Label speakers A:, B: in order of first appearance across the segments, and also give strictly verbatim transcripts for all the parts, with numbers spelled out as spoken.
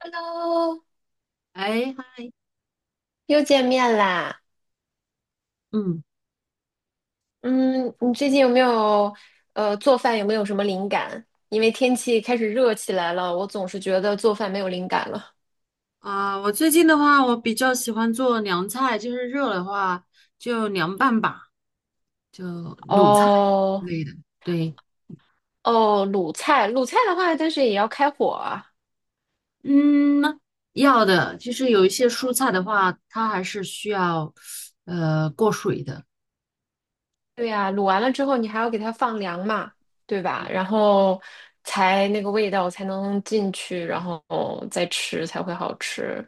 A: Hello，
B: 哎，嗨
A: 又见面啦。
B: 嗯，
A: 嗯，你最近有没有呃做饭有没有什么灵感？因为天气开始热起来了，我总是觉得做饭没有灵感了。
B: 啊，我最近的话，我比较喜欢做凉菜，就是热的话就凉拌吧，就卤菜
A: 哦
B: 之类的。对，
A: 哦，卤菜，卤菜的话，但是也要开火啊。
B: 嗯，要的，就是有一些蔬菜的话，它还是需要呃过水的。
A: 对呀，卤完了之后你还要给它放凉嘛，对吧？然后才那个味道才能进去，然后再吃才会好吃。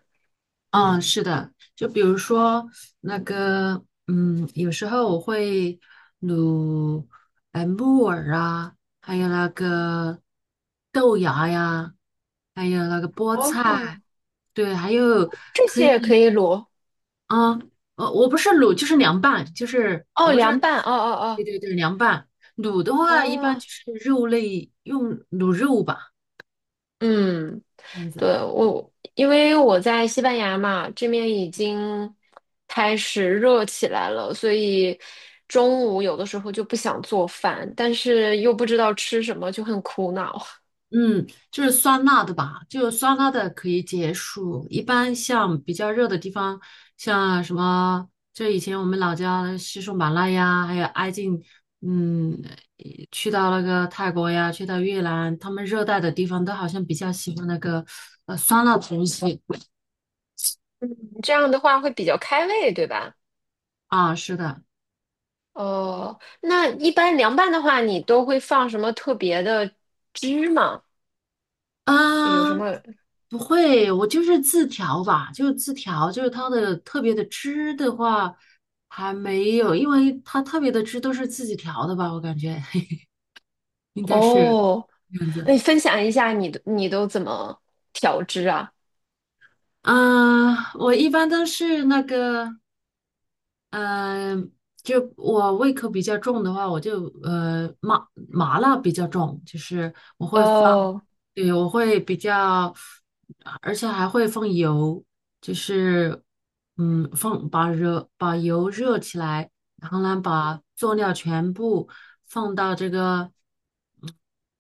B: 嗯，是的，就比如说那个，嗯，有时候我会卤呃木耳啊，还有那个豆芽呀，还有那个菠菜。
A: 哦，
B: 对，还有，
A: 这些也可以卤。
B: 嗯，呃，我不是卤，就是凉拌，就是我
A: 哦，
B: 不知道，
A: 凉拌。哦
B: 对
A: 哦
B: 对对，凉拌。卤的
A: 哦
B: 话，一般
A: 哦，
B: 就是肉类用卤肉吧，
A: 嗯。
B: 这样
A: 对，
B: 子。
A: 我，因为我在西班牙嘛，这面已经开始热起来了，所以中午有的时候就不想做饭，但是又不知道吃什么，就很苦恼。
B: 嗯，就是酸辣的吧，就酸辣的可以解暑。一般像比较热的地方，像什么，就以前我们老家的西双版纳呀，还有挨近，嗯，呃去到那个泰国呀，去到越南，他们热带的地方都好像比较喜欢那个呃酸辣的东西。
A: 嗯，这样的话会比较开胃，对吧？
B: 啊，是的，
A: 哦，那一般凉拌的话，你都会放什么特别的汁吗？有什
B: 嗯，
A: 么？
B: 不会，我就是自调吧，就是字条，就是它的特别的汁的话还没有，因为它特别的汁都是自己调的吧，我感觉 应该是
A: 哦，
B: 这样子。
A: 那你分享一下你的，你都怎么调汁啊？
B: 啊，我一般都是那个，嗯，就我胃口比较重的话，我就呃麻麻辣比较重，就是我会放，
A: 哦。
B: 对，我会比较，而且还会放油，就是嗯放把热把油热起来，然后呢把佐料全部放到这个嗯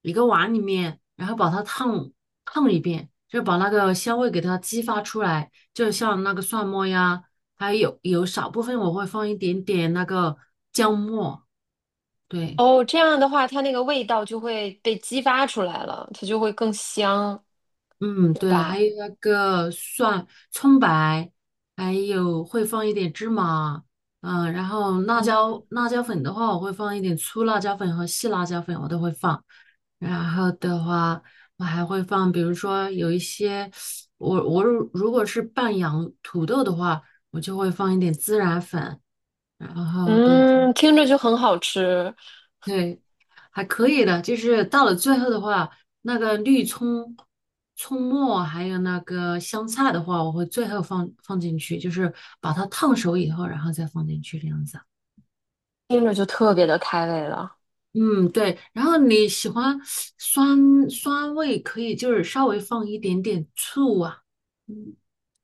B: 一个碗里面，然后把它烫烫一遍，就把那个香味给它激发出来，就像那个蒜末呀。还有有少部分我会放一点点那个姜末，对，
A: 哦，这样的话，它那个味道就会被激发出来了，它就会更香，
B: 嗯，
A: 对
B: 对，还
A: 吧？
B: 有那个蒜、葱白，还有会放一点芝麻，嗯、然后辣
A: 嗯
B: 椒辣椒粉的话，我会放一点粗辣椒粉和细辣椒粉，我都会放。然后的话，我还会放，比如说有一些，我我如如果是拌洋土豆的话，我就会放一点孜然粉，然后对。
A: 嗯，听着就很好吃，
B: 对，还可以的，就是到了最后的话，那个绿葱、葱末还有那个香菜的话，我会最后放放进去，就是把它烫熟以后，然后再放进去这样子。
A: 听着就特别的开胃了。
B: 嗯，对。然后你喜欢酸酸味，可以就是稍微放一点点醋啊，嗯，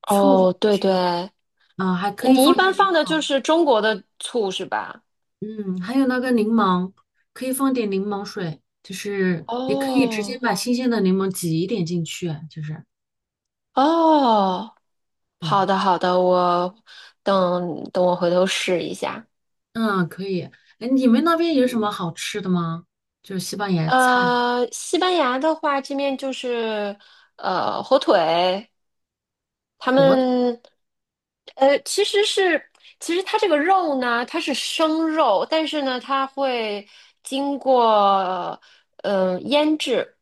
B: 醋放
A: 哦，
B: 进
A: 对
B: 去啊，
A: 对，
B: 啊，还可以
A: 你一
B: 放
A: 般
B: 点
A: 放
B: 柠
A: 的就
B: 檬。
A: 是中国的醋是吧？
B: 嗯，还有那个柠檬，可以放点柠檬水，就是也可以直接
A: 哦
B: 把新鲜的柠檬挤一点进去啊，就是
A: 哦，好
B: 对，
A: 的好的，我等等我回头试一下。
B: 嗯，可以。哎，你们那边有什么好吃的吗？就是西班牙菜，
A: 呃，西班牙的话，这面就是呃火腿，他
B: 火腿，
A: 们，呃，其实是，其实它这个肉呢，它是生肉，但是呢，它会经过嗯、呃腌制，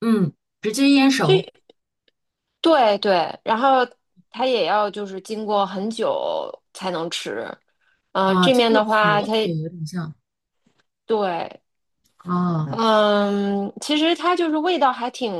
B: 嗯，直接腌熟
A: 就对对，然后它也要就是经过很久才能吃，嗯、
B: 啊，
A: 这
B: 这
A: 面
B: 个
A: 的话，
B: 火
A: 它
B: 腿有点像
A: 对
B: 啊，
A: 嗯，其实它就是味道还挺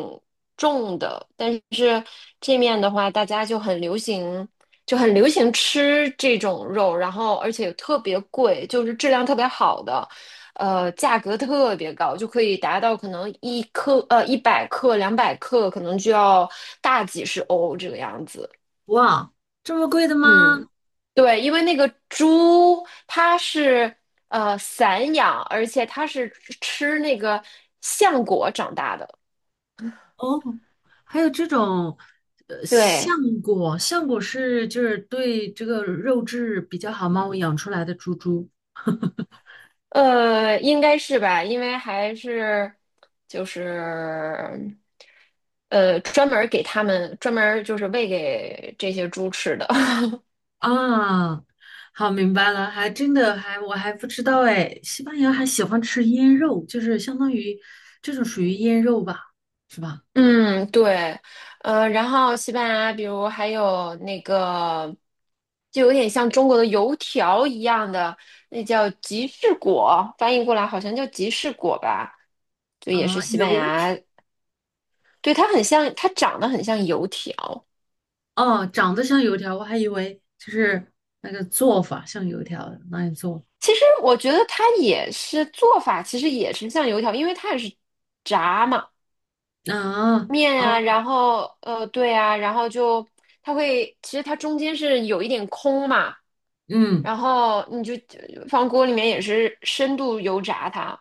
A: 重的，但是这面的话，大家就很流行，就很流行吃这种肉，然后而且特别贵，就是质量特别好的，呃，价格特别高，就可以达到可能一克呃一百克、两百克，可能就要大几十欧这个样子。
B: 哇，这么贵的吗？
A: 嗯。对，因为那个猪它是呃散养，而且它是吃那个橡果长大的。
B: 哦，还有这种。呃，橡
A: 对，
B: 果，橡果是就是对这个肉质比较好嘛，我养出来的猪猪。
A: 呃，应该是吧，因为还是就是呃专门儿给它们专门儿就是喂给这些猪吃的。
B: 啊，好，明白了，还真的还我还不知道哎，西班牙还喜欢吃腌肉，就是相当于这种属于腌肉吧，是吧？
A: 嗯，对，呃，然后西班牙，比如还有那个，就有点像中国的油条一样的，那叫吉士果，翻译过来好像叫吉士果吧，就也是
B: 啊，
A: 西班
B: 油条
A: 牙，对，它很像，它长得很像油条。
B: 哦，长得像油条，我还以为就是那个做法像油条那样做
A: 其实我觉得它也是做法，其实也是像油条，因为它也是炸嘛。
B: 啊，
A: 面啊，
B: 哦，
A: 然后呃，对啊，然后就它会，其实它中间是有一点空嘛，
B: 嗯，
A: 然后你就放锅里面也是深度油炸它。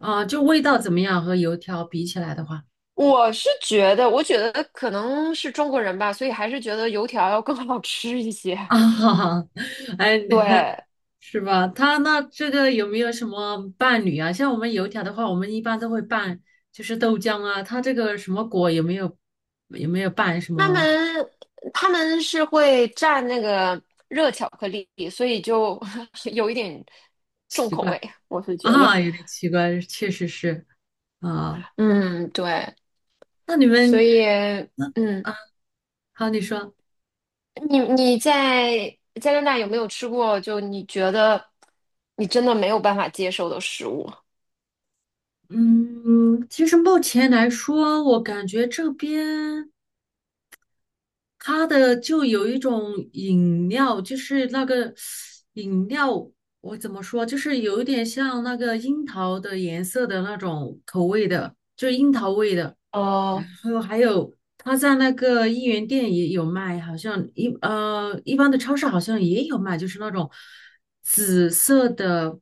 B: 啊，就味道怎么样和油条比起来的话，
A: 我是觉得，我觉得可能是中国人吧，所以还是觉得油条要更 好吃一些。
B: 啊，哎，
A: 对，
B: 是吧？他那这个有没有什么伴侣啊？像我们油条的话，我们一般都会拌，就是豆浆啊。他这个什么果有没有有没有拌什
A: 他
B: 么
A: 们他们是会蘸那个热巧克力，所以就 有一点重
B: 奇
A: 口味，
B: 怪
A: 我是觉得，
B: 啊？有点奇怪，确实是啊。
A: 嗯，对，
B: 那你
A: 所
B: 们
A: 以嗯。
B: 啊，好，你说，
A: 你你在加拿大有没有吃过就你觉得你真的没有办法接受的食物？
B: 嗯，其实目前来说，我感觉这边。它的就有一种饮料，就是那个饮料，我怎么说，就是有一点像那个樱桃的颜色的那种口味的，就是樱桃味的。然
A: 哦
B: 后还有它在那个一元店也有卖，好像一呃一般的超市好像也有卖，就是那种紫色的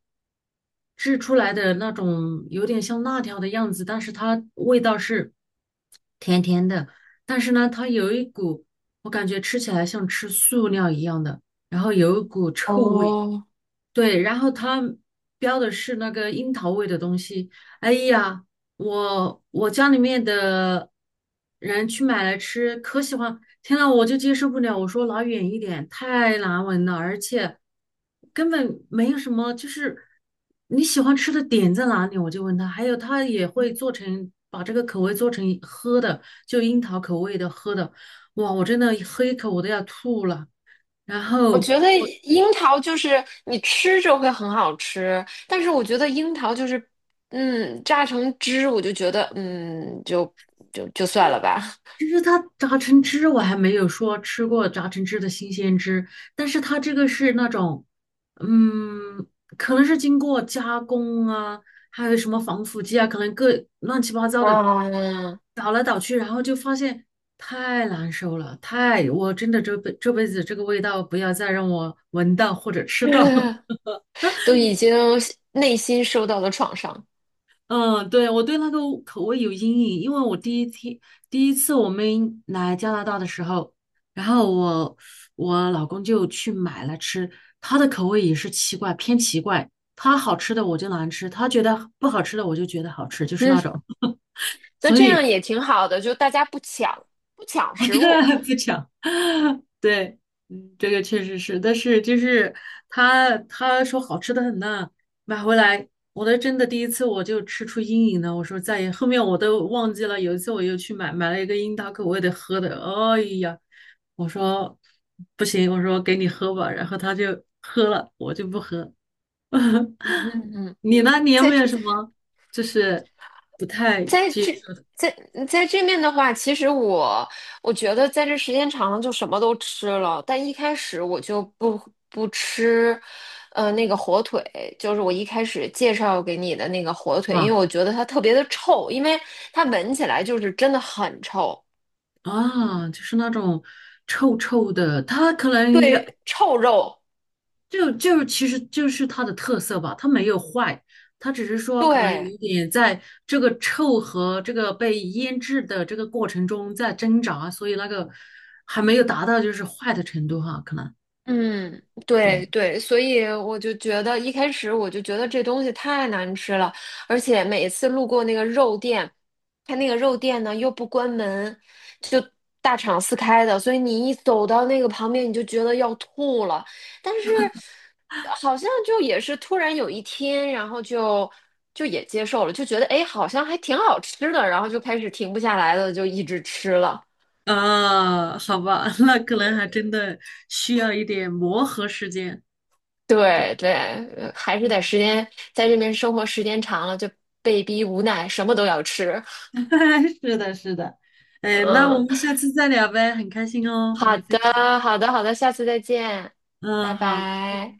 B: 制出来的那种，有点像辣条的样子，但是它味道是甜甜的，但是呢，它有一股。我感觉吃起来像吃塑料一样的，然后有一股臭味。
A: 哦，
B: 对，然后他标的是那个樱桃味的东西。哎呀，我我家里面的人去买来吃，可喜欢。天呐，我就接受不了。我说拿远一点，太难闻了，而且根本没有什么，就是你喜欢吃的点在哪里，我就问他。还有他也会做成把这个口味做成喝的，就樱桃口味的喝的。哇，我真的喝一口我都要吐了。然
A: 我
B: 后。
A: 觉得樱桃就是你吃着会很好吃，但是我觉得樱桃就是，嗯，榨成汁我就觉得，嗯，就就就算了吧，
B: 就是它榨成汁我还没有说吃过榨成汁的新鲜汁，但是它这个是那种，嗯，可能是经过加工啊，还有什么防腐剂啊，可能各乱七八糟的
A: 啊，
B: 倒来倒去，然后就发现太难受了，太，我真的这辈这辈子这个味道不要再让我闻到或者吃到。
A: 都已经内心受到了创伤，
B: 嗯，对，我对那个口味有阴影，因为我第一天第一次我们来加拿大的时候，然后我我老公就去买了吃，他的口味也是奇怪，偏奇怪，他好吃的我就难吃，他觉得不好吃的我就觉得好吃，就是
A: 嗯，
B: 那种，
A: 那
B: 所
A: 这样
B: 以
A: 也挺好的，就大家不抢不抢食物。
B: 不讲，对，嗯，这个确实是，但是就是他他说好吃的很呐，买回来，我都真的第一次我就吃出阴影了，我说再也后面我都忘记了，有一次我又去买买了一个樱桃口味的喝的，哎呀，我说不行，我说给你喝吧，然后他就喝了，我就不喝。你呢？你有没
A: 在。
B: 有什么就是不太
A: 在
B: 接
A: 这
B: 受的
A: 在在这面的话，其实我我觉得在这时间长了就什么都吃了，但一开始我就不不吃，呃，那个火腿，就是我一开始介绍给你的那个火腿，
B: 啊？
A: 因为我觉得它特别的臭，因为它闻起来就是真的很臭，
B: 啊，就是那种臭臭的，它可能也
A: 对，臭肉，
B: 就就是其实就是它的特色吧，它没有坏，它只是说可能有
A: 对，
B: 一点在这个臭和这个被腌制的这个过程中在挣扎，所以那个还没有达到就是坏的程度哈，可能
A: 嗯，
B: 对
A: 对对，所以我就觉得一开始我就觉得这东西太难吃了，而且每一次路过那个肉店，它那个肉店呢又不关门，就大敞四开的，所以你一走到那个旁边，你就觉得要吐了。但是好像就也是突然有一天，然后就就也接受了，就觉得哎，诶好像还挺好吃的，然后就开始停不下来了，就一直吃了。
B: 啊，好吧，那可能还真的需要一点磨合时间。对，
A: 对对，呃还是得时间在这边生活时间长了，就被逼无奈，什么都要吃。
B: 是的，是的。哎，那我
A: 嗯，
B: 们下次再聊呗，很开心哦，和
A: 好
B: 你
A: 的，
B: 分享。
A: 好的，好的，下次再见，拜
B: 嗯，好。
A: 拜。